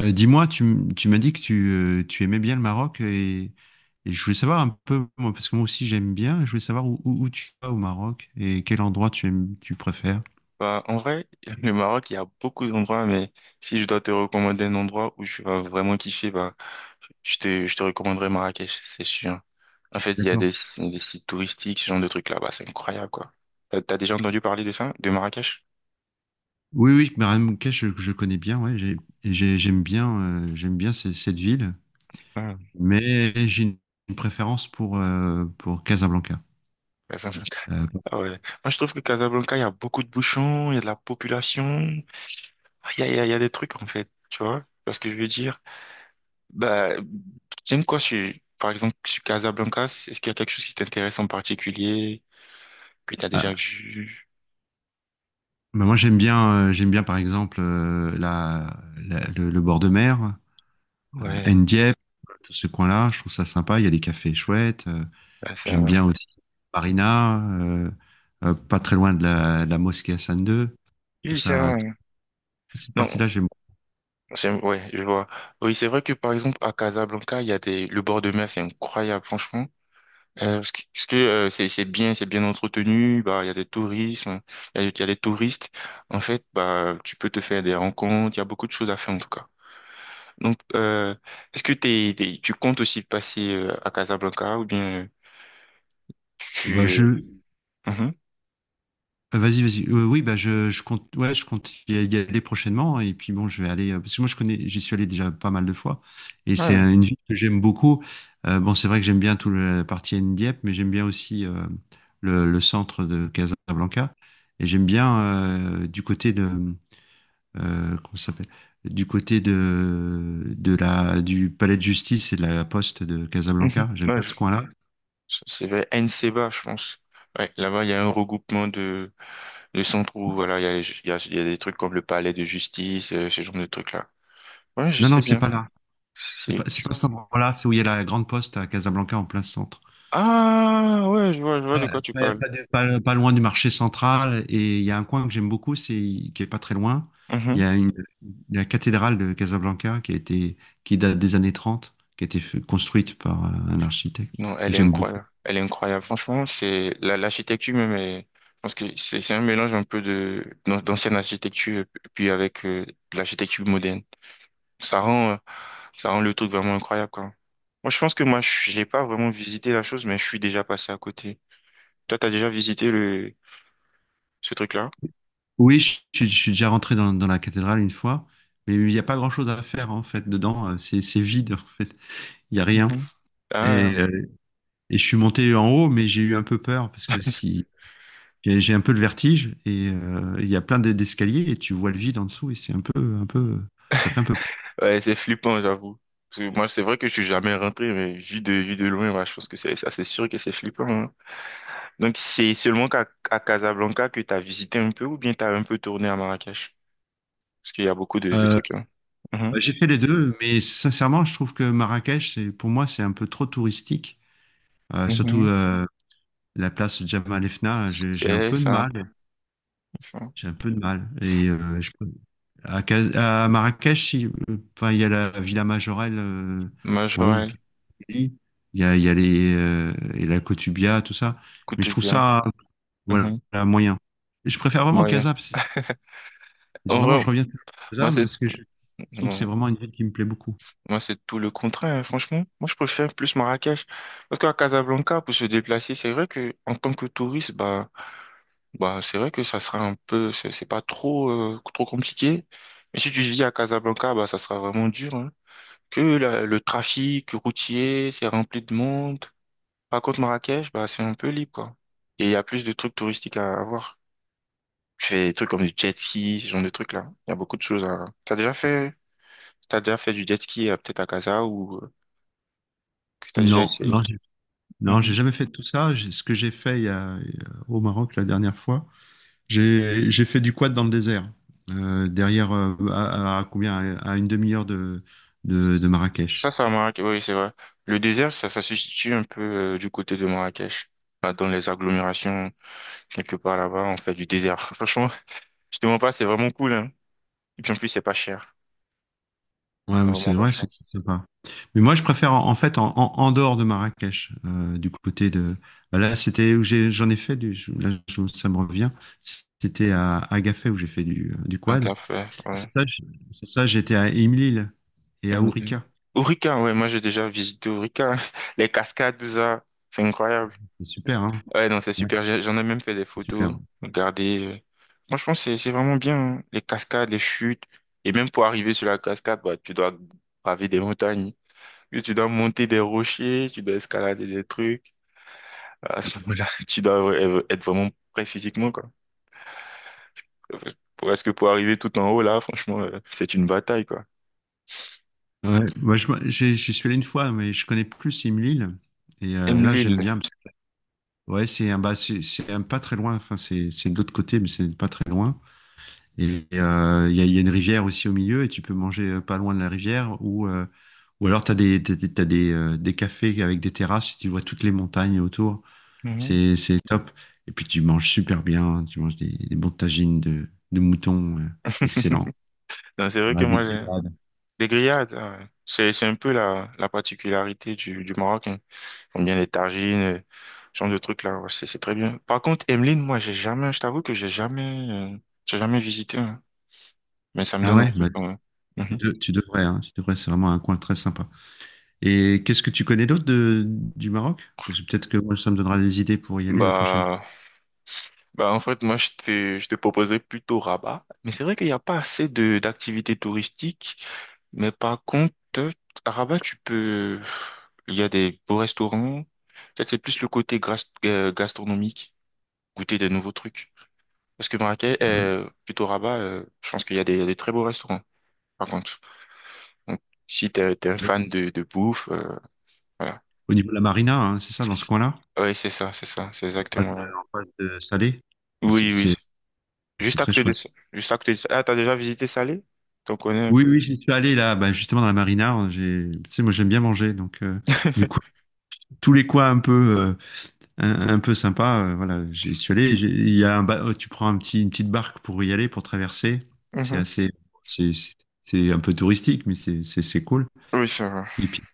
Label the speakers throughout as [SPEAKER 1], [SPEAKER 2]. [SPEAKER 1] Dis-moi, tu m'as dit que tu aimais bien le Maroc et je voulais savoir un peu, moi, parce que moi aussi j'aime bien, je voulais savoir où tu vas au Maroc et quel endroit tu aimes, tu préfères.
[SPEAKER 2] Bah, en vrai, le Maroc, il y a beaucoup d'endroits, mais si je dois te recommander un endroit où tu vas vraiment kiffer, bah, je te recommanderais Marrakech, c'est sûr. En fait, il y a
[SPEAKER 1] D'accord.
[SPEAKER 2] des sites touristiques, ce genre de trucs là-bas, c'est incroyable, quoi. T'as déjà entendu parler de ça, de Marrakech?
[SPEAKER 1] Oui, oui, Marrakech, je connais bien, ouais, j'aime bien, j'aime bien cette ville,
[SPEAKER 2] Ah,
[SPEAKER 1] mais j'ai une préférence pour Casablanca.
[SPEAKER 2] Casablanca,
[SPEAKER 1] Euh,
[SPEAKER 2] ah ouais. Moi, je trouve que Casablanca, il y a beaucoup de bouchons, il y a de la population. Ah, il y a des trucs, en fait, tu vois? Tu vois ce que je veux dire? Bah, j'aime quoi, sur, par exemple, sur Casablanca, est-ce qu'il y a quelque chose qui t'intéresse en particulier? Que t'as déjà
[SPEAKER 1] ah,
[SPEAKER 2] vu.
[SPEAKER 1] bah, moi j'aime bien, j'aime bien par exemple le bord de mer.
[SPEAKER 2] Ouais,
[SPEAKER 1] Dieppe, tout ce coin-là, je trouve ça sympa. Il y a des cafés chouettes.
[SPEAKER 2] ouais, c'est
[SPEAKER 1] J'aime
[SPEAKER 2] vrai.
[SPEAKER 1] bien aussi Marina, pas très loin de la mosquée Hassan II. Je
[SPEAKER 2] Oui,
[SPEAKER 1] trouve
[SPEAKER 2] c'est
[SPEAKER 1] ça,
[SPEAKER 2] vrai.
[SPEAKER 1] cette
[SPEAKER 2] Non,
[SPEAKER 1] partie-là, j'aime.
[SPEAKER 2] c'est, ouais, je vois. Oui, c'est vrai que par exemple, à Casablanca, il y a des, le bord de mer, c'est incroyable, franchement. Parce que c'est bien entretenu, bah, il y a des tourismes, il y a des touristes. En fait, bah, tu peux te faire des rencontres, il y a beaucoup de choses à faire, en tout cas. Donc, euh, est-ce que tu comptes aussi passer, à Casablanca, ou bien,
[SPEAKER 1] Ah Bah,
[SPEAKER 2] tu,
[SPEAKER 1] je,
[SPEAKER 2] euh, mhm.
[SPEAKER 1] Vas-y, vas-y. Oui, bah, je compte, ouais, je compte y aller prochainement, hein. Et puis bon, je vais aller, parce que moi, je connais, j'y suis allé déjà pas mal de fois. Et c'est
[SPEAKER 2] Ouais.
[SPEAKER 1] une ville que j'aime beaucoup. Bon, c'est vrai que j'aime bien toute la partie Dieppe, mais j'aime bien aussi le centre de Casablanca. Et j'aime bien du côté de comment ça s'appelle, du côté du palais de justice et de la poste de
[SPEAKER 2] Mhm.
[SPEAKER 1] Casablanca. J'aime
[SPEAKER 2] Ouais,
[SPEAKER 1] bien
[SPEAKER 2] je
[SPEAKER 1] ce coin-là.
[SPEAKER 2] C'est vers Nseba, je pense. Ouais, là-bas, il y a un regroupement de centres où, voilà, il y a des trucs comme le palais de justice, ce genre de trucs-là. Ouais, je
[SPEAKER 1] Non, non,
[SPEAKER 2] sais
[SPEAKER 1] c'est
[SPEAKER 2] bien.
[SPEAKER 1] pas là. C'est pas,
[SPEAKER 2] C'est,
[SPEAKER 1] c'est
[SPEAKER 2] tu-
[SPEAKER 1] pas cet endroit-là. C'est où il y a la grande poste à Casablanca en plein centre.
[SPEAKER 2] Ah, ouais, je vois de
[SPEAKER 1] Ah,
[SPEAKER 2] quoi tu
[SPEAKER 1] ouais,
[SPEAKER 2] parles.
[SPEAKER 1] pas, de- pas- pas loin du marché central. Et il y a un coin que j'aime beaucoup, c'est qui est pas très loin. Il
[SPEAKER 2] Mhm.
[SPEAKER 1] y a une, La cathédrale de Casablanca qui date des années 30, qui a été construite par un architecte,
[SPEAKER 2] Non,
[SPEAKER 1] que
[SPEAKER 2] elle est
[SPEAKER 1] j'aime beaucoup.
[SPEAKER 2] incroyable. Elle est incroyable. Franchement, l'architecture même est, je pense que c'est un mélange un peu de, d'ancienne architecture, puis avec, de l'architecture moderne. Ça rend, euh, ça rend le truc vraiment incroyable, quoi. Moi, je pense que moi, je j'ai pas vraiment visité la chose, mais je suis déjà passé à côté. Toi, t'as déjà visité le, ce truc-là?
[SPEAKER 1] Oui, je suis déjà rentré dans la cathédrale une fois, mais il n'y a pas grand-chose à faire en fait dedans. C'est vide en fait, il n'y a rien.
[SPEAKER 2] Mhm.
[SPEAKER 1] Et,
[SPEAKER 2] Ah,
[SPEAKER 1] euh, et je suis monté en haut, mais j'ai eu un peu peur parce que si j'ai un peu le vertige et il y a plein d'escaliers et tu vois le vide en dessous et c'est un peu, ça fait un peu peur.
[SPEAKER 2] ouais, c'est flippant, j'avoue. Parce que moi, c'est vrai que je suis jamais rentré, mais vu de loin, moi, je pense que c'est sûr que c'est flippant, hein. Donc, c'est seulement qu'à à Casablanca que t'as visité un peu ou bien t'as un peu tourné à Marrakech? Parce qu'il y a beaucoup de
[SPEAKER 1] Euh,
[SPEAKER 2] trucs, hein. Mhm.
[SPEAKER 1] j'ai fait les deux, mais sincèrement, je trouve que Marrakech, c'est pour moi, c'est un peu trop touristique. Euh, surtout
[SPEAKER 2] Mhm.
[SPEAKER 1] euh, la place Jemaa el Fna, j'ai un
[SPEAKER 2] C'est
[SPEAKER 1] peu de
[SPEAKER 2] ça,
[SPEAKER 1] mal.
[SPEAKER 2] c'est ça.
[SPEAKER 1] J'ai un peu de mal et euh, je À, Cas- à Marrakech, il y a la Villa Majorelle,
[SPEAKER 2] Majorelle,
[SPEAKER 1] qui est jolie. Il y a les, et la Kotubia, tout ça. Mais je trouve
[SPEAKER 2] Koutoubia,
[SPEAKER 1] ça, voilà, moyen. Et je préfère vraiment
[SPEAKER 2] bien
[SPEAKER 1] Casa, parce que
[SPEAKER 2] En
[SPEAKER 1] vraiment,
[SPEAKER 2] vrai,
[SPEAKER 1] je reviens toujours à
[SPEAKER 2] moi,
[SPEAKER 1] Casa,
[SPEAKER 2] c'est,
[SPEAKER 1] parce que je trouve que c'est
[SPEAKER 2] non,
[SPEAKER 1] vraiment une ville qui me plaît beaucoup.
[SPEAKER 2] moi, c'est tout le contraire, hein, franchement. Moi, je préfère plus Marrakech. Parce qu'à Casablanca, pour se déplacer, c'est vrai que, en tant que touriste, bah, c'est vrai que ça sera un peu, c'est pas trop, trop compliqué. Mais si tu vis à Casablanca, bah, ça sera vraiment dur, hein. Que le trafic routier, c'est rempli de monde. Par contre, Marrakech, bah, c'est un peu libre, quoi. Et il y a plus de trucs touristiques à voir. Tu fais des trucs comme du jet ski, ce genre de trucs-là. Il y a beaucoup de choses à... T'as déjà fait du jet ski peut-être à Casa ou que t'as déjà
[SPEAKER 1] Non,
[SPEAKER 2] essayé?
[SPEAKER 1] non, non, j'ai
[SPEAKER 2] Mhm.
[SPEAKER 1] jamais fait tout ça. Ce que j'ai fait au Maroc la dernière fois, j'ai fait du quad dans le désert, derrière, à combien, à une demi-heure de
[SPEAKER 2] Ça,
[SPEAKER 1] Marrakech.
[SPEAKER 2] ça Marrakech, oui, c'est vrai. Le désert, ça se situe un peu du côté de Marrakech. Là, dans les agglomérations, quelque part là-bas, on fait du désert. Franchement, je te mens pas, c'est vraiment cool, hein. Et puis en plus, c'est pas cher.
[SPEAKER 1] Ouais,
[SPEAKER 2] C'est
[SPEAKER 1] mais
[SPEAKER 2] vraiment
[SPEAKER 1] c'est
[SPEAKER 2] pas
[SPEAKER 1] vrai,
[SPEAKER 2] cher.
[SPEAKER 1] c'est sympa. Mais moi, je préfère en, en fait en, en- en dehors de Marrakech, du côté de. Là, c'était où j'en ai fait du. Ça me revient. C'était à Agafay où j'ai fait du
[SPEAKER 2] Un
[SPEAKER 1] quad.
[SPEAKER 2] café,
[SPEAKER 1] Et
[SPEAKER 2] ouais.
[SPEAKER 1] c'est ça, je- c'est ça, J'étais à Imlil et
[SPEAKER 2] Et
[SPEAKER 1] à
[SPEAKER 2] puis,
[SPEAKER 1] Ourika.
[SPEAKER 2] Ourika, ouais, moi j'ai déjà visité Ourika. Les cascades, tout ça, c'est incroyable.
[SPEAKER 1] C'est super, hein?
[SPEAKER 2] Ouais, non, c'est
[SPEAKER 1] Ouais,
[SPEAKER 2] super. J'ai- J'en ai même fait des
[SPEAKER 1] c'est super.
[SPEAKER 2] photos. Regardez. Euh. Franchement, c'est vraiment bien, hein. Les cascades, les chutes. Et même pour arriver sur la cascade, bah, tu dois braver des montagnes. Puis tu dois monter des rochers, tu dois escalader des trucs. À ce moment-là, tu dois être vraiment prêt physiquement, quoi. Pour- Parce que pour arriver tout en haut, là, franchement, c'est une bataille, quoi.
[SPEAKER 1] Ouais, moi, j'y suis allé une fois, mais je connais plus Imlil.
[SPEAKER 2] Aime
[SPEAKER 1] Là, j'aime
[SPEAKER 2] l'île.
[SPEAKER 1] bien, ouais, c'est un, bah, c'est un pas très loin. Enfin, c'est de l'autre côté, mais c'est pas très loin. Il y a, il y a une rivière aussi au milieu et tu peux manger pas loin de la rivière ou alors t'as des cafés avec des terrasses et tu vois toutes les montagnes autour.
[SPEAKER 2] Mhm.
[SPEAKER 1] C'est top. Et puis tu manges super bien. Hein. Tu manges des bons tagines de mouton, excellent.
[SPEAKER 2] Non, c'est vrai que
[SPEAKER 1] Ah, des
[SPEAKER 2] moi, j'ai...
[SPEAKER 1] grillades.
[SPEAKER 2] Les grillades, ah ouais, c'est un peu la particularité du Maroc. J'aime bien les tagines, ce genre de trucs là, ouais, c'est très bien. Par contre, Emeline, moi, j'ai jamais, je t'avoue que j'ai jamais visité, hein. Mais ça me
[SPEAKER 1] Ah
[SPEAKER 2] donne
[SPEAKER 1] ouais,
[SPEAKER 2] envie
[SPEAKER 1] bah,
[SPEAKER 2] quand même. Mhm.
[SPEAKER 1] tu devrais. Hein, tu devrais. C'est vraiment un coin très sympa. Et qu'est-ce que tu connais d'autre de du Maroc? Parce que peut-être que moi ça me donnera des idées pour y aller la prochaine fois.
[SPEAKER 2] Bah, bah, en fait, je te proposais plutôt Rabat, mais c'est vrai qu'il n'y a pas assez de d'activités touristiques, mais par contre, à Rabat, il y a des beaux restaurants, peut-être c'est plus le côté gastronomique, goûter des nouveaux trucs. Parce que
[SPEAKER 1] Ah oui.
[SPEAKER 2] plutôt Rabat, je pense qu'il y a des très beaux restaurants, par contre. Donc, si t'es un fan de bouffe, voilà.
[SPEAKER 1] Au niveau de la marina, hein, c'est ça dans ce coin-là?
[SPEAKER 2] Oui, c'est exactement là.
[SPEAKER 1] En face de Salé. C'est
[SPEAKER 2] Oui, oui.
[SPEAKER 1] c'est- c'est
[SPEAKER 2] Juste à
[SPEAKER 1] très
[SPEAKER 2] côté de
[SPEAKER 1] chouette.
[SPEAKER 2] ça. Juste à côté de ça. Ah, t'as déjà visité Salé? T'en connais un
[SPEAKER 1] Oui, oui,
[SPEAKER 2] peu.
[SPEAKER 1] j'y suis allé là, bah, justement dans la marina. J'ai, tu sais, moi j'aime bien manger, du coup tous les coins un peu, euh, un peu sympa, voilà, j'y suis allé. Il y a un tu prends une petite barque pour y aller, pour traverser. C'est
[SPEAKER 2] Mhm.
[SPEAKER 1] assez, c'est c'est- c'est un peu touristique, mais c'est cool.
[SPEAKER 2] Oui, ça va.
[SPEAKER 1] Et puis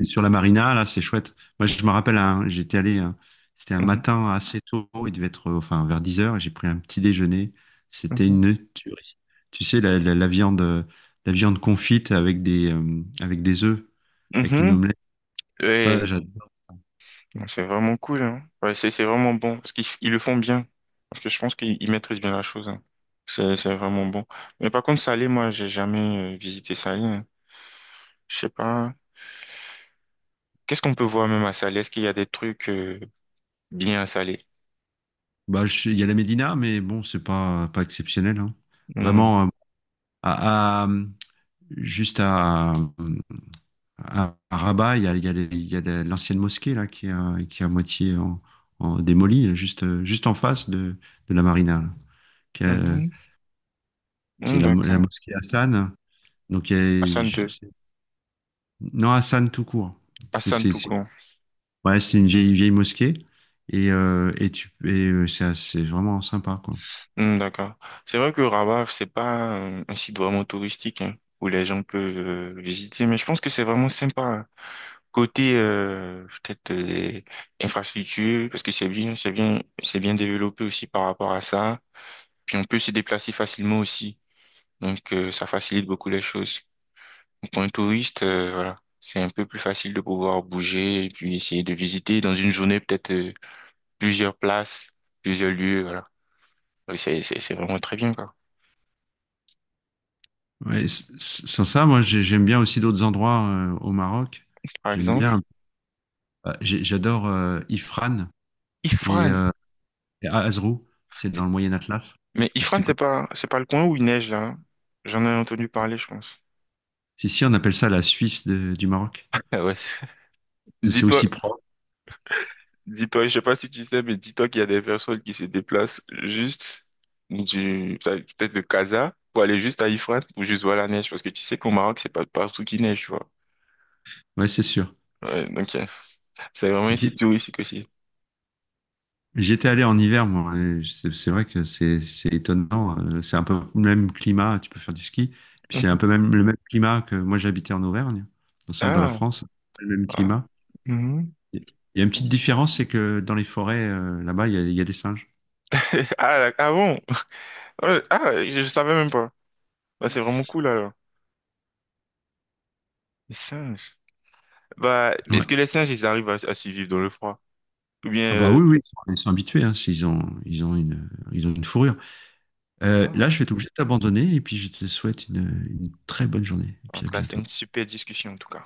[SPEAKER 1] et sur la marina, là, c'est chouette. Moi, je me rappelle, j'étais allé, c'était un
[SPEAKER 2] Mhm,
[SPEAKER 1] matin assez tôt, il devait être, vers 10 heures, et j'ai pris un petit déjeuner. C'était
[SPEAKER 2] mhm,
[SPEAKER 1] une tuerie. Tu sais, la viande confite avec avec des œufs, avec une
[SPEAKER 2] mhm.
[SPEAKER 1] omelette. Ça,
[SPEAKER 2] Ouais.
[SPEAKER 1] j'adore.
[SPEAKER 2] Non, c'est vraiment cool, hein. Ouais, c'est vraiment bon. Parce qu'ils le font bien. Parce que je pense qu'ils maîtrisent bien la chose, hein. C'est vraiment bon. Mais par contre, Salé, moi, j'ai jamais visité Salé, hein. Je sais pas. Qu'est-ce qu'on peut voir même à Salé? Est-ce qu'il y a des trucs bien à Salé?
[SPEAKER 1] Bah, il y a la Médina, mais bon, c'est pas, pas exceptionnel, hein.
[SPEAKER 2] Hmm.
[SPEAKER 1] Vraiment, à, à- juste à, à Rabat, il y a les- il y a la- l'ancienne mosquée là, qui est à moitié en démolie, juste en face de la marina là. Qui est, euh,
[SPEAKER 2] Mhm.
[SPEAKER 1] C'est
[SPEAKER 2] Mm,
[SPEAKER 1] la, la
[SPEAKER 2] d'accord.
[SPEAKER 1] mosquée Hassan. Donc, il y a-
[SPEAKER 2] Hassan
[SPEAKER 1] je-
[SPEAKER 2] 2.
[SPEAKER 1] c'est- non, Hassan tout court. C'est
[SPEAKER 2] Hassan
[SPEAKER 1] c'est-
[SPEAKER 2] tout
[SPEAKER 1] c'est-
[SPEAKER 2] court.
[SPEAKER 1] ouais, c'est une vieille mosquée. Et c'est vraiment sympa, quoi.
[SPEAKER 2] Mm, d'accord. C'est vrai que Rabat, c'est pas un site vraiment touristique hein, où les gens peuvent visiter, mais je pense que c'est vraiment sympa, hein. Côté peut-être les infrastructures, parce que c'est bien développé aussi par rapport à ça. Puis on peut se déplacer facilement aussi. Donc ça facilite beaucoup les choses. Donc, pour un touriste, voilà, c'est un peu plus facile de pouvoir bouger et puis essayer de visiter dans une journée peut-être plusieurs places, plusieurs lieux, voilà. Oui, c'est vraiment très bien, quoi.
[SPEAKER 1] Ouais, sans ça, moi, j'aime bien aussi d'autres endroits au Maroc.
[SPEAKER 2] Par
[SPEAKER 1] J'aime
[SPEAKER 2] exemple,
[SPEAKER 1] bien, j'adore Ifrane. Et
[SPEAKER 2] Ifrane.
[SPEAKER 1] euh, Et Azrou, c'est dans
[SPEAKER 2] C'est-
[SPEAKER 1] le Moyen Atlas.
[SPEAKER 2] Mais
[SPEAKER 1] Je sais pas si tu
[SPEAKER 2] Ifrane,
[SPEAKER 1] connais.
[SPEAKER 2] c'est pas le coin où il neige, là, hein. J'en ai entendu parler, je pense.
[SPEAKER 1] Si, si, on appelle ça la Suisse du Maroc.
[SPEAKER 2] Ah ouais.
[SPEAKER 1] C'est
[SPEAKER 2] Dis-toi,
[SPEAKER 1] aussi propre.
[SPEAKER 2] dis-toi, je sais pas si tu sais, mais dis-toi qu'il y a des personnes qui se déplacent juste du, peut-être de Casa pour aller juste à Ifrane pour juste voir la neige. Parce que tu sais qu'au Maroc, c'est pas partout qui neige, tu vois.
[SPEAKER 1] Ouais, c'est sûr.
[SPEAKER 2] Ouais, donc, c'est vraiment un site
[SPEAKER 1] J'y-
[SPEAKER 2] touristique aussi.
[SPEAKER 1] J'étais allé en hiver, moi, et c'est vrai que c'est étonnant. C'est un peu le même climat. Tu peux faire du ski. Puis c'est un
[SPEAKER 2] Mhm.
[SPEAKER 1] peu même le même climat que moi j'habitais en Auvergne, au centre de la
[SPEAKER 2] Ah,
[SPEAKER 1] France. Le même
[SPEAKER 2] ah.
[SPEAKER 1] climat.
[SPEAKER 2] Mhm.
[SPEAKER 1] Il y a une petite différence, c'est que dans les forêts, là-bas, il y a des singes.
[SPEAKER 2] Ah, ah bon? Je savais même pas. Bah, c'est vraiment cool alors. Les singes. Bah, est-ce
[SPEAKER 1] Ouais.
[SPEAKER 2] que les singes, ils arrivent à survivre dans le froid? Ou bien...
[SPEAKER 1] Ah bah oui, oui, ils sont habitués, hein, s'ils ont, ils ont une fourrure. Là,
[SPEAKER 2] ah,
[SPEAKER 1] je vais être obligé d'abandonner et puis je te souhaite une très bonne journée. Et
[SPEAKER 2] en
[SPEAKER 1] puis à
[SPEAKER 2] tout cas, c'est
[SPEAKER 1] bientôt.
[SPEAKER 2] une super discussion en tout cas.